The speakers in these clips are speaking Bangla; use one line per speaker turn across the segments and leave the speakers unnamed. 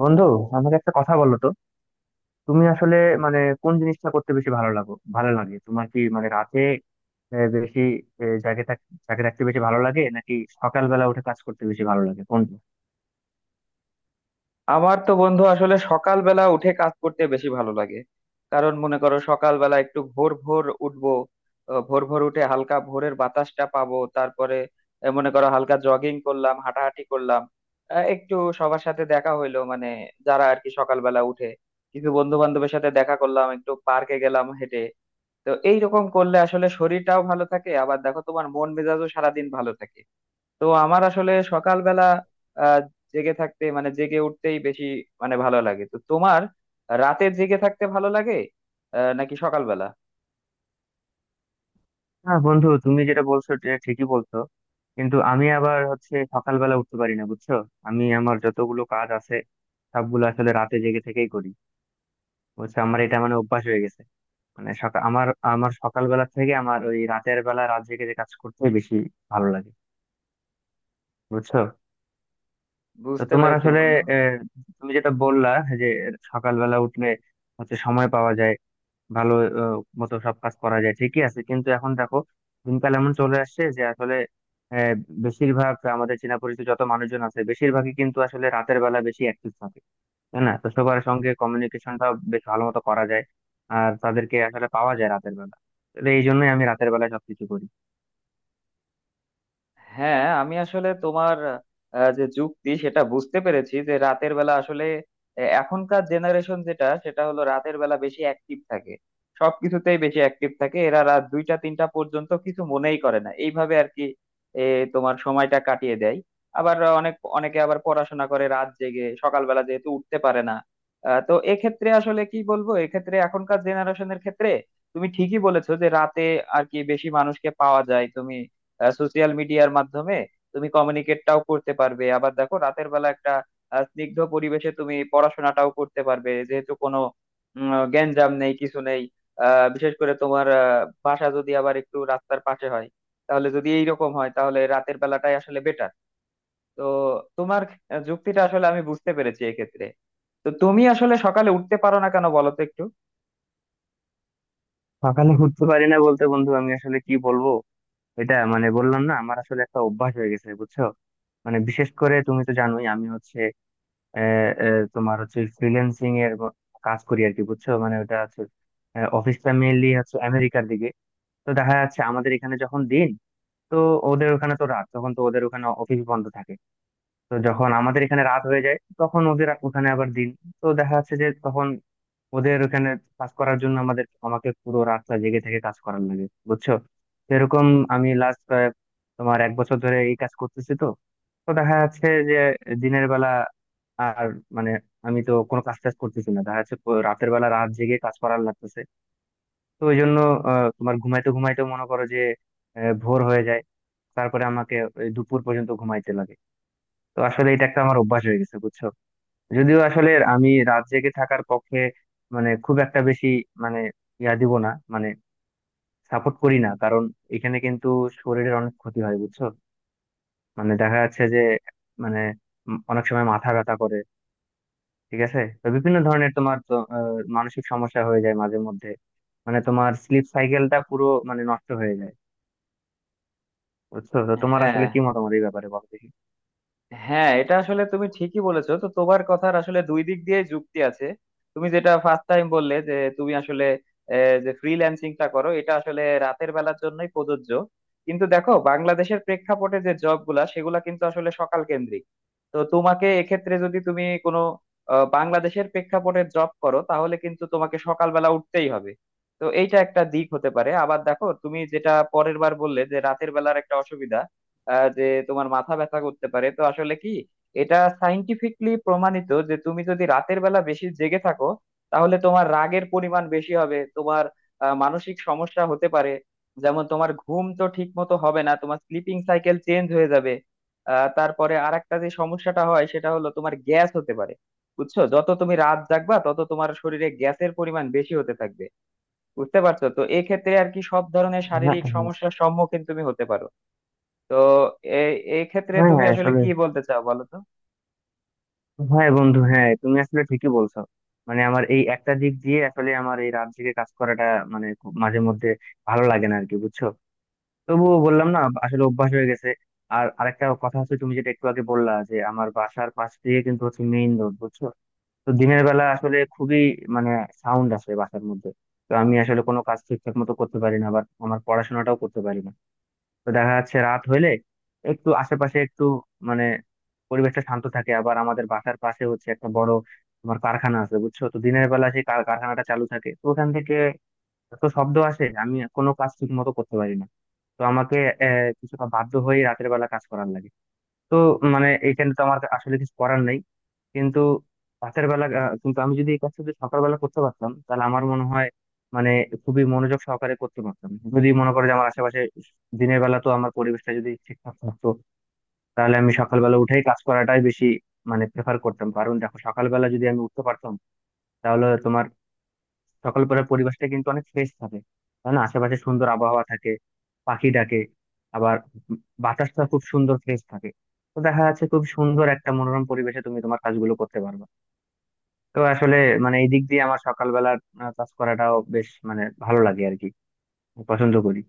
বন্ধু, আমাকে একটা কথা বলো তো। তুমি আসলে মানে কোন জিনিসটা করতে বেশি ভালো লাগে তোমার? কি মানে রাতে বেশি আহ, জাগে থাক- জাগে থাকতে বেশি ভালো লাগে, নাকি সকালবেলা উঠে কাজ করতে বেশি ভালো লাগে? কোনটা?
আমার তো বন্ধু আসলে সকালবেলা উঠে কাজ করতে বেশি ভালো লাগে। কারণ মনে করো, সকালবেলা একটু ভোর ভোর উঠবো, ভোর ভোর উঠে হালকা ভোরের বাতাসটা পাবো। তারপরে মনে করো হালকা জগিং করলাম, হাঁটাহাঁটি করলাম, একটু সবার সাথে দেখা হইলো মানে যারা আর কি সকালবেলা উঠে কিছু বন্ধু বান্ধবের সাথে দেখা করলাম, একটু পার্কে গেলাম হেঁটে। তো এইরকম করলে আসলে শরীরটাও ভালো থাকে, আবার দেখো তোমার মন মেজাজও সারাদিন ভালো থাকে। তো আমার আসলে সকালবেলা আহ জেগে থাকতে মানে জেগে উঠতেই বেশি মানে ভালো লাগে। তো তোমার রাতে জেগে থাকতে ভালো লাগে নাকি সকালবেলা?
হ্যাঁ বন্ধু, তুমি যেটা বলছো এটা ঠিকই বলছো। কিন্তু আমি আবার হচ্ছে সকালবেলা উঠতে পারি না, বুঝছো। আমি আমার যতগুলো কাজ আছে সবগুলো আসলে রাতে জেগে থেকেই করি। বুঝছো, আমার এটা মানে অভ্যাস হয়ে গেছে। মানে সকাল আমার আমার সকালবেলা থেকে আমার ওই রাতের বেলা রাত জেগে যে কাজ করতে বেশি ভালো লাগে, বুঝছো। তো
বুঝতে
তোমার
পেরেছি
আসলে
বন্ধু।
আহ, তুমি যেটা বললা যে সকালবেলা উঠলে হচ্ছে সময় পাওয়া যায় ভালো আহ, মতো সব কাজ করা যায় ঠিকই আছে, কিন্তু এখন দেখো দিনকাল এমন চলে আসছে যে আসলে আহ, বেশিরভাগ আমাদের চেনা পরিচিত যত মানুষজন আছে, বেশিরভাগই কিন্তু আসলে রাতের বেলা বেশি অ্যাক্টিভ থাকে, তাই না। তো সবার সঙ্গে কমিউনিকেশনটা বেশ ভালো মতো করা যায়, আর তাদেরকে আসলে পাওয়া যায় রাতের বেলা। তো এই জন্যই আমি রাতের বেলায় সবকিছু করি।
হ্যাঁ আমি আসলে তোমার যে যুক্তি সেটা বুঝতে পেরেছি যে রাতের বেলা আসলে এখনকার জেনারেশন যেটা সেটা হলো রাতের বেলা বেশি অ্যাক্টিভ থাকে, সবকিছুতেই বেশি অ্যাক্টিভ থাকে। এরা রাত দুইটা তিনটা পর্যন্ত কিছু মনেই করে না, এইভাবে আর কি এ, তোমার সময়টা কাটিয়ে দেয়। আবার অনেক অনেকে আবার পড়াশোনা করে রাত জেগে, সকালবেলা যেহেতু উঠতে পারে না, তো এক্ষেত্রে আসলে কি বলবো, এক্ষেত্রে এখনকার জেনারেশনের ক্ষেত্রে তুমি ঠিকই বলেছো যে রাতে আর কি বেশি মানুষকে পাওয়া যায়। তুমি সোশ্যাল মিডিয়ার মাধ্যমে তুমি কমিউনিকেটটাও করতে পারবে। আবার দেখো রাতের বেলা একটা স্নিগ্ধ পরিবেশে তুমি পড়াশোনাটাও করতে পারবে, যেহেতু কোনো গ্যাঞ্জাম নেই কিছু নেই। বিশেষ করে তোমার বাসা যদি আবার একটু রাস্তার পাশে হয়, তাহলে যদি এইরকম হয় তাহলে রাতের বেলাটাই আসলে বেটার। তো তোমার যুক্তিটা আসলে আমি বুঝতে পেরেছি এক্ষেত্রে। তো তুমি আসলে সকালে উঠতে পারো না কেন বলো তো একটু?
সকালে উঠতে পারি না বলতে বন্ধু আমি আসলে কি বলবো, এটা মানে বললাম না আমার আসলে একটা অভ্যাস হয়ে গেছে, বুঝছো। মানে বিশেষ করে তুমি তো জানোই আমি হচ্ছে আহ, আহ, তোমার হচ্ছে ফ্রিল্যান্সিং এর কাজ করি আর কি, বুঝছো। মানে ওটা হচ্ছে অফিসটা মেইনলি হচ্ছে আমেরিকার দিকে। তো দেখা যাচ্ছে আমাদের এখানে যখন দিন, তো ওদের ওখানে তো রাত, তখন তো ওদের ওখানে অফিস বন্ধ থাকে। তো যখন আমাদের এখানে রাত হয়ে যায় তখন ওদের ওখানে আবার দিন। তো দেখা যাচ্ছে যে তখন ওদের ওখানে কাজ করার জন্য আমাদের আমাকে পুরো রাস্তা জেগে থেকে কাজ করার লাগে, বুঝছো। সেরকম আমি লাস্ট তোমার 1 বছর ধরে এই কাজ করতেছি তো। তো দেখা যাচ্ছে যে দিনের বেলা আর মানে আমি তো কোনো কাজ টাজ করতেছি না, দেখা যাচ্ছে রাতের বেলা রাত জেগে কাজ করার লাগতেছে। তো ওই জন্য তোমার ঘুমাইতে ঘুমাইতে মনে করো যে ভোর হয়ে যায়, তারপরে আমাকে ওই দুপুর পর্যন্ত ঘুমাইতে লাগে। তো আসলে এটা একটা আমার অভ্যাস হয়ে গেছে, বুঝছো। যদিও আসলে আমি রাত জেগে থাকার পক্ষে মানে খুব একটা বেশি মানে ইয়া দিব না, মানে সাপোর্ট করি না, কারণ এখানে কিন্তু শরীরের অনেক ক্ষতি হয়, বুঝছো। মানে দেখা যাচ্ছে যে মানে অনেক সময় মাথা ব্যথা করে, ঠিক আছে। তো বিভিন্ন ধরনের তোমার তো মানসিক সমস্যা হয়ে যায় মাঝে মধ্যে, মানে তোমার স্লিপ সাইকেলটা পুরো মানে নষ্ট হয়ে যায়, বুঝছো। তো তোমার
হ্যাঁ
আসলে কি মতামত এই ব্যাপারে বলো দেখি।
হ্যাঁ, এটা আসলে তুমি ঠিকই বলেছো। তো তোমার কথার আসলে দুই দিক দিয়ে যুক্তি আছে। তুমি যেটা ফার্স্ট টাইম বললে যে তুমি আসলে যে ফ্রিল্যান্সিংটা করো এটা আসলে রাতের বেলার জন্যই প্রযোজ্য। কিন্তু দেখো বাংলাদেশের প্রেক্ষাপটে যে জব গুলা সেগুলা কিন্তু আসলে সকাল কেন্দ্রিক। তো তোমাকে এক্ষেত্রে যদি তুমি কোনো বাংলাদেশের প্রেক্ষাপটে জব করো তাহলে কিন্তু তোমাকে সকালবেলা উঠতেই হবে। তো এইটা একটা দিক হতে পারে। আবার দেখো তুমি যেটা পরের বার বললে যে রাতের বেলার একটা অসুবিধা, যে তোমার মাথা ব্যথা করতে পারে। তো আসলে কি, এটা সাইন্টিফিকলি প্রমাণিত যে তুমি যদি রাতের বেলা বেশি জেগে থাকো তাহলে তোমার রাগের পরিমাণ বেশি হবে, তোমার মানসিক সমস্যা হতে পারে। যেমন তোমার ঘুম তো ঠিক মতো হবে না, তোমার স্লিপিং সাইকেল চেঞ্জ হয়ে যাবে। তারপরে আরেকটা যে সমস্যাটা হয় সেটা হলো তোমার গ্যাস হতে পারে। বুঝছো, যত তুমি রাত জাগবা তত তোমার শরীরে গ্যাসের পরিমাণ বেশি হতে থাকবে। বুঝতে পারছো, তো এক্ষেত্রে আর কি সব ধরনের
হ্যাঁ,
শারীরিক সমস্যার সম্মুখীন তুমি হতে পারো। তো এই এই ক্ষেত্রে
হ্যাঁ,
তুমি
হ্যাঁ,
আসলে
আসলে
কি বলতে চাও বলো তো?
হ্যাঁ বন্ধু, হ্যাঁ তুমি আসলে ঠিকই বলছো। মানে আমার এই একটা দিক দিয়ে আসলে আমার এই রাত জেগে কাজ করাটা মানে খুব মাঝে মধ্যে ভালো লাগে না আর কি, বুঝছো। তবুও বললাম না, আসলে অভ্যাস হয়ে গেছে। আর আরেকটা কথা হচ্ছে তুমি যেটা একটু আগে বললা যে আমার বাসার পাশ দিয়ে কিন্তু হচ্ছে মেইন রোড, বুঝছো। তো দিনের বেলা আসলে খুবই মানে সাউন্ড আসে বাসার মধ্যে। তো আমি আসলে কোনো কাজ ঠিকঠাক মতো করতে পারি না, আবার আমার পড়াশোনাটাও করতে পারি না। তো দেখা যাচ্ছে রাত হইলে একটু আশেপাশে একটু মানে পরিবেশটা শান্ত থাকে। আবার আমাদের বাসার পাশে হচ্ছে একটা বড় তোমার কারখানা আছে, বুঝছো। তো দিনের বেলা সেই কারখানাটা চালু থাকে, তো ওখান থেকে এত শব্দ আসে আমি কোনো কাজ ঠিক মতো করতে পারি না। তো আমাকে কিছুটা বাধ্য হয়ে রাতের বেলা কাজ করার লাগে। তো মানে এইখানে তো আমার আসলে কিছু করার নেই। কিন্তু রাতের বেলা কিন্তু আমি যদি এই কাজটা যদি সকালবেলা করতে পারতাম তাহলে আমার মনে হয় মানে খুবই মনোযোগ সহকারে করতে পারতাম। যদি মনে করো যে আমার আশেপাশে দিনের বেলা তো আমার পরিবেশটা যদি ঠিকঠাক থাকতো, তাহলে আমি সকালবেলা উঠেই কাজ করাটাই বেশি মানে প্রেফার করতাম, কারণ দেখো সকালবেলা যদি আমি উঠতে পারতাম তাহলে তোমার সকালবেলার পরিবেশটা কিন্তু অনেক ফ্রেশ থাকে, তাই না। আশেপাশে সুন্দর আবহাওয়া থাকে, পাখি ডাকে, আবার বাতাসটা খুব সুন্দর ফ্রেশ থাকে। তো দেখা যাচ্ছে খুব সুন্দর একটা মনোরম পরিবেশে তুমি তোমার কাজগুলো করতে পারবে। তো আসলে মানে এই দিক দিয়ে আমার সকালবেলার কাজ করাটাও বেশ মানে ভালো লাগে আর কি, পছন্দ করি।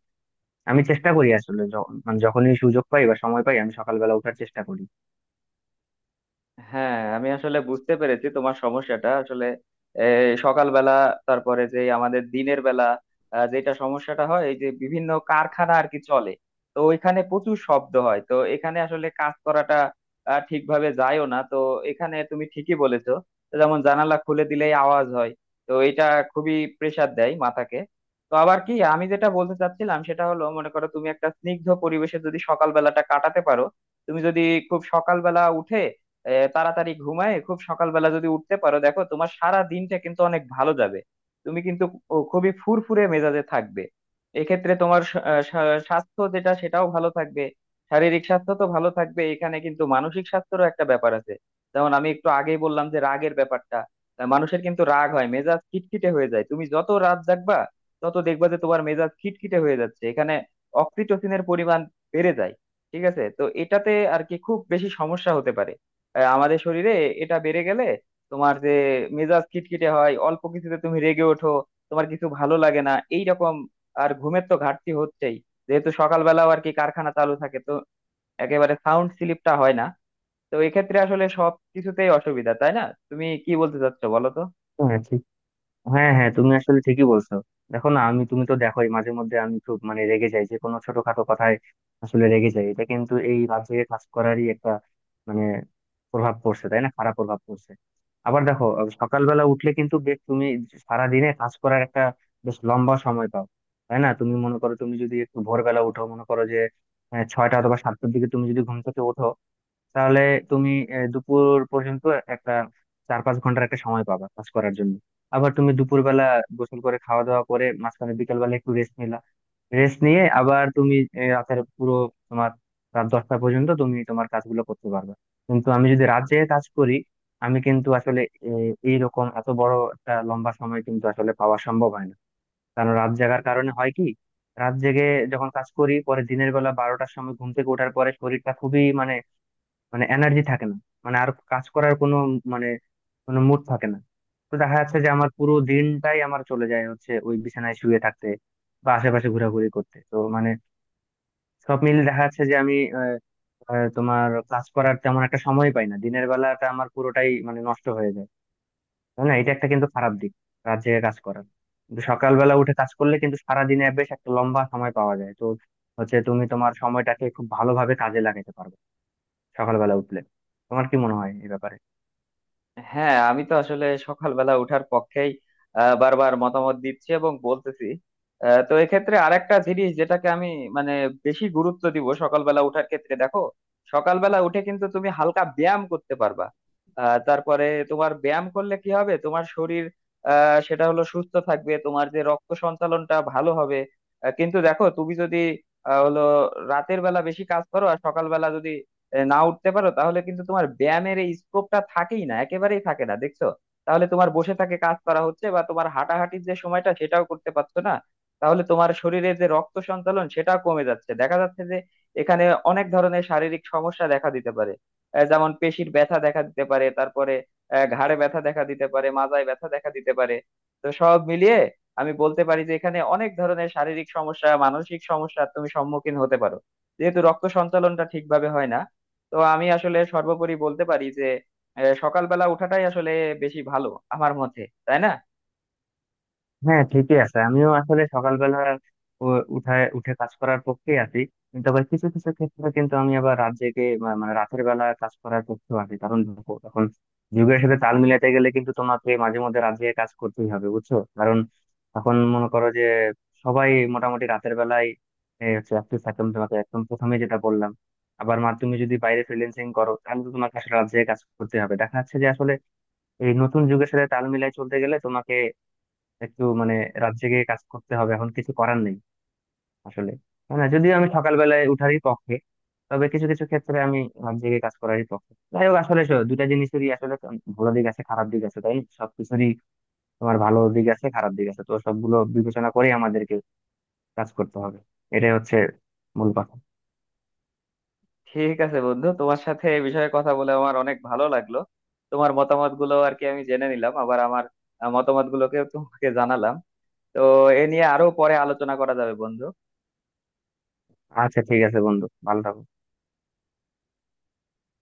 আমি চেষ্টা করি আসলে মানে যখনই সুযোগ পাই বা সময় পাই আমি সকালবেলা ওঠার চেষ্টা করি।
হ্যাঁ আমি আসলে বুঝতে পেরেছি তোমার সমস্যাটা আসলে এই সকালবেলা, তারপরে যে আমাদের দিনের বেলা যেটা সমস্যাটা হয় এই যে বিভিন্ন কারখানা আর কি চলে, তো ওইখানে প্রচুর শব্দ হয়, তো এখানে আসলে কাজ করাটা ঠিকভাবে যায়ও না। তো এখানে তুমি ঠিকই বলেছো। তো যেমন জানালা খুলে দিলেই আওয়াজ হয়। তো এটা খুবই প্রেসার দেয় মাথাকে। তো আবার কি আমি যেটা বলতে চাচ্ছিলাম সেটা হলো, মনে করো তুমি একটা স্নিগ্ধ পরিবেশে যদি সকালবেলাটা কাটাতে পারো, তুমি যদি খুব সকালবেলা উঠে তাড়াতাড়ি ঘুমায় খুব সকালবেলা যদি উঠতে পারো, দেখো তোমার সারা দিনটা কিন্তু অনেক ভালো যাবে। তুমি কিন্তু খুবই ফুরফুরে মেজাজে থাকবে। এক্ষেত্রে তোমার স্বাস্থ্য যেটা সেটাও ভালো থাকবে। শারীরিক স্বাস্থ্য তো ভালো থাকবে, এখানে কিন্তু মানসিক স্বাস্থ্যেরও একটা ব্যাপার আছে। যেমন আমি একটু আগেই বললাম যে রাগের ব্যাপারটা, মানুষের কিন্তু রাগ হয়, মেজাজ খিটখিটে হয়ে যায়। তুমি যত রাত জাগবা তত দেখবা যে তোমার মেজাজ খিটখিটে হয়ে যাচ্ছে। এখানে অক্সিটোসিনের পরিমাণ বেড়ে যায়। ঠিক আছে, তো এটাতে আর কি খুব বেশি সমস্যা হতে পারে আমাদের শরীরে। এটা বেড়ে গেলে তোমার যে মেজাজ খিটখিটে হয়, অল্প কিছুতে তুমি রেগে ওঠো, তোমার কিছু ভালো লাগে না এইরকম। আর ঘুমের তো ঘাটতি হচ্ছেই, যেহেতু সকালবেলাও আর কি কারখানা চালু থাকে, তো একেবারে সাউন্ড স্লিপটা হয় না। তো এক্ষেত্রে আসলে সব কিছুতেই অসুবিধা, তাই না? তুমি কি বলতে চাচ্ছো বলো তো?
হ্যাঁ ঠিক, হ্যাঁ হ্যাঁ তুমি আসলে ঠিকই বলছো। দেখো না আমি, তুমি তো দেখোই মাঝে মধ্যে আমি খুব মানে রেগে যাই যে কোনো ছোটখাটো কথায় আসলে রেগে যাই, এটা কিন্তু এই রাত জেগে কাজ করারই একটা মানে প্রভাব পড়ছে, তাই না, খারাপ প্রভাব পড়ছে। আবার দেখো সকালবেলা উঠলে কিন্তু বেশ তুমি সারা দিনে কাজ করার একটা বেশ লম্বা সময় পাও, তাই না। তুমি মনে করো তুমি যদি একটু ভোরবেলা উঠো, মনে করো যে 6টা অথবা 7টার দিকে তুমি যদি ঘুম থেকে ওঠো, তাহলে তুমি দুপুর পর্যন্ত একটা 4-5 ঘন্টার একটা সময় পাবা কাজ করার জন্য। আবার তুমি দুপুরবেলা গোসল করে খাওয়া দাওয়া করে মাঝখানে বিকেল বেলা একটু রেস্ট নিলা, রেস্ট নিয়ে আবার তুমি রাতের পুরো তোমার রাত 10টা পর্যন্ত তুমি তোমার কাজগুলো করতে পারবে। কিন্তু আমি যদি রাত জেগে কাজ করি আমি কিন্তু আসলে এই রকম এত বড় একটা লম্বা সময় কিন্তু আসলে পাওয়া সম্ভব হয় না, কারণ রাত জাগার কারণে হয় কি রাত জেগে যখন কাজ করি পরে দিনের বেলা 12টার সময় ঘুম থেকে ওঠার পরে শরীরটা খুবই মানে মানে এনার্জি থাকে না, মানে আর কাজ করার কোনো মানে কোনো মুড থাকে না। তো দেখা যাচ্ছে যে আমার পুরো দিনটাই আমার চলে যায় হচ্ছে ওই বিছানায় শুয়ে থাকতে বা আশেপাশে ঘোরাঘুরি করতে। তো মানে সব মিলে দেখা যাচ্ছে যে আমি আহ, আহ, তোমার ক্লাস করার তেমন একটা সময় পাই না, দিনের বেলাটা আমার পুরোটাই মানে নষ্ট হয়ে যায়, তাই না। এটা একটা কিন্তু খারাপ দিক রাত জেগে কাজ করার। কিন্তু সকালবেলা উঠে কাজ করলে কিন্তু সারাদিনে বেশ একটা লম্বা সময় পাওয়া যায় তো হচ্ছে, তুমি তোমার সময়টাকে খুব ভালোভাবে কাজে লাগাতে পারবে সকালবেলা উঠলে। তোমার কি মনে হয় এই ব্যাপারে?
হ্যাঁ আমি তো আসলে সকালবেলা উঠার পক্ষেই বারবার মতামত দিচ্ছি এবং বলতেছি। তো এক্ষেত্রে আরেকটা জিনিস যেটাকে আমি মানে বেশি গুরুত্ব দিব সকালবেলা উঠার ক্ষেত্রে, দেখো সকালবেলা উঠে কিন্তু তুমি হালকা ব্যায়াম করতে পারবা। তারপরে তোমার ব্যায়াম করলে কি হবে, তোমার শরীর সেটা হলো সুস্থ থাকবে, তোমার যে রক্ত সঞ্চালনটা ভালো হবে। কিন্তু দেখো তুমি যদি আহ, হলো রাতের বেলা বেশি কাজ করো আর সকালবেলা যদি না উঠতে পারো তাহলে কিন্তু তোমার ব্যায়ামের এই স্কোপটা থাকেই না, একেবারেই থাকে না দেখছো। তাহলে তোমার বসে থাকে কাজ করা হচ্ছে বা তোমার হাঁটাহাঁটির যে সময়টা সেটাও করতে পারছো না, তাহলে তোমার শরীরে যে রক্ত সঞ্চালন সেটাও কমে যাচ্ছে। দেখা যাচ্ছে যে এখানে অনেক ধরনের শারীরিক সমস্যা দেখা দিতে পারে। যেমন পেশির ব্যথা দেখা দিতে পারে, তারপরে ঘাড়ে ব্যথা দেখা দিতে পারে, মাজায় ব্যথা দেখা দিতে পারে। তো সব মিলিয়ে আমি বলতে পারি যে এখানে অনেক ধরনের শারীরিক সমস্যা মানসিক সমস্যা তুমি সম্মুখীন হতে পারো, যেহেতু রক্ত সঞ্চালনটা ঠিকভাবে হয় না। তো আমি আসলে সর্বোপরি বলতে পারি যে সকালবেলা ওঠাটাই আসলে বেশি ভালো আমার মতে, তাই না?
হ্যাঁ ঠিকই আছে, আমিও আসলে সকালবেলা উ- উঠায় উঠে কাজ করার পক্ষেই আছি। কিন্তু আবার কিছু কিছু ক্ষেত্রে কিন্তু আমি আবার রাত জেগে মানে রাতের বেলা কাজ করার পক্ষেও আছি, কারণ দেখো এখন যুগের সাথে তাল মিলাতে গেলে কিন্তু তোমাকে মাঝে মধ্যে রাত জেগে কাজ করতেই হবে, বুঝছো। কারণ এখন মনে করো যে সবাই মোটামুটি রাতের বেলায় হচ্ছে অ্যাক্টিভ থাকে, আমি তোমাকে একদম প্রথমে যেটা বললাম। আবার মা তুমি যদি বাইরে ফ্রিল্যান্সিং করো তাহলে তো তোমাকে আসলে রাত জেগে কাজ করতে হবে। দেখা যাচ্ছে যে আসলে এই নতুন যুগের সাথে তাল মিলাই চলতে গেলে তোমাকে একটু মানে রাত জেগে কাজ করতে হবে, এখন কিছু করার নেই আসলে। হ্যাঁ না, যদিও আমি সকালবেলায় উঠারই পক্ষে, তবে কিছু কিছু ক্ষেত্রে আমি রাত জেগে কাজ করারই পক্ষে। যাই হোক আসলে 2টা জিনিসেরই আসলে ভালো দিক আছে খারাপ দিক আছে, তাই না, সবকিছুরই তোমার ভালো দিক আছে খারাপ দিক আছে। তো সবগুলো বিবেচনা করে আমাদেরকে কাজ করতে হবে, এটাই হচ্ছে মূল কথা।
ঠিক আছে বন্ধু, তোমার সাথে এই বিষয়ে কথা বলে আমার অনেক ভালো লাগলো। তোমার মতামত গুলো আর কি আমি জেনে নিলাম, আবার আমার মতামত গুলোকে তোমাকে জানালাম। তো এ নিয়ে আরো পরে আলোচনা করা যাবে বন্ধু।
আচ্ছা ঠিক আছে বন্ধু, ভালো থাকো।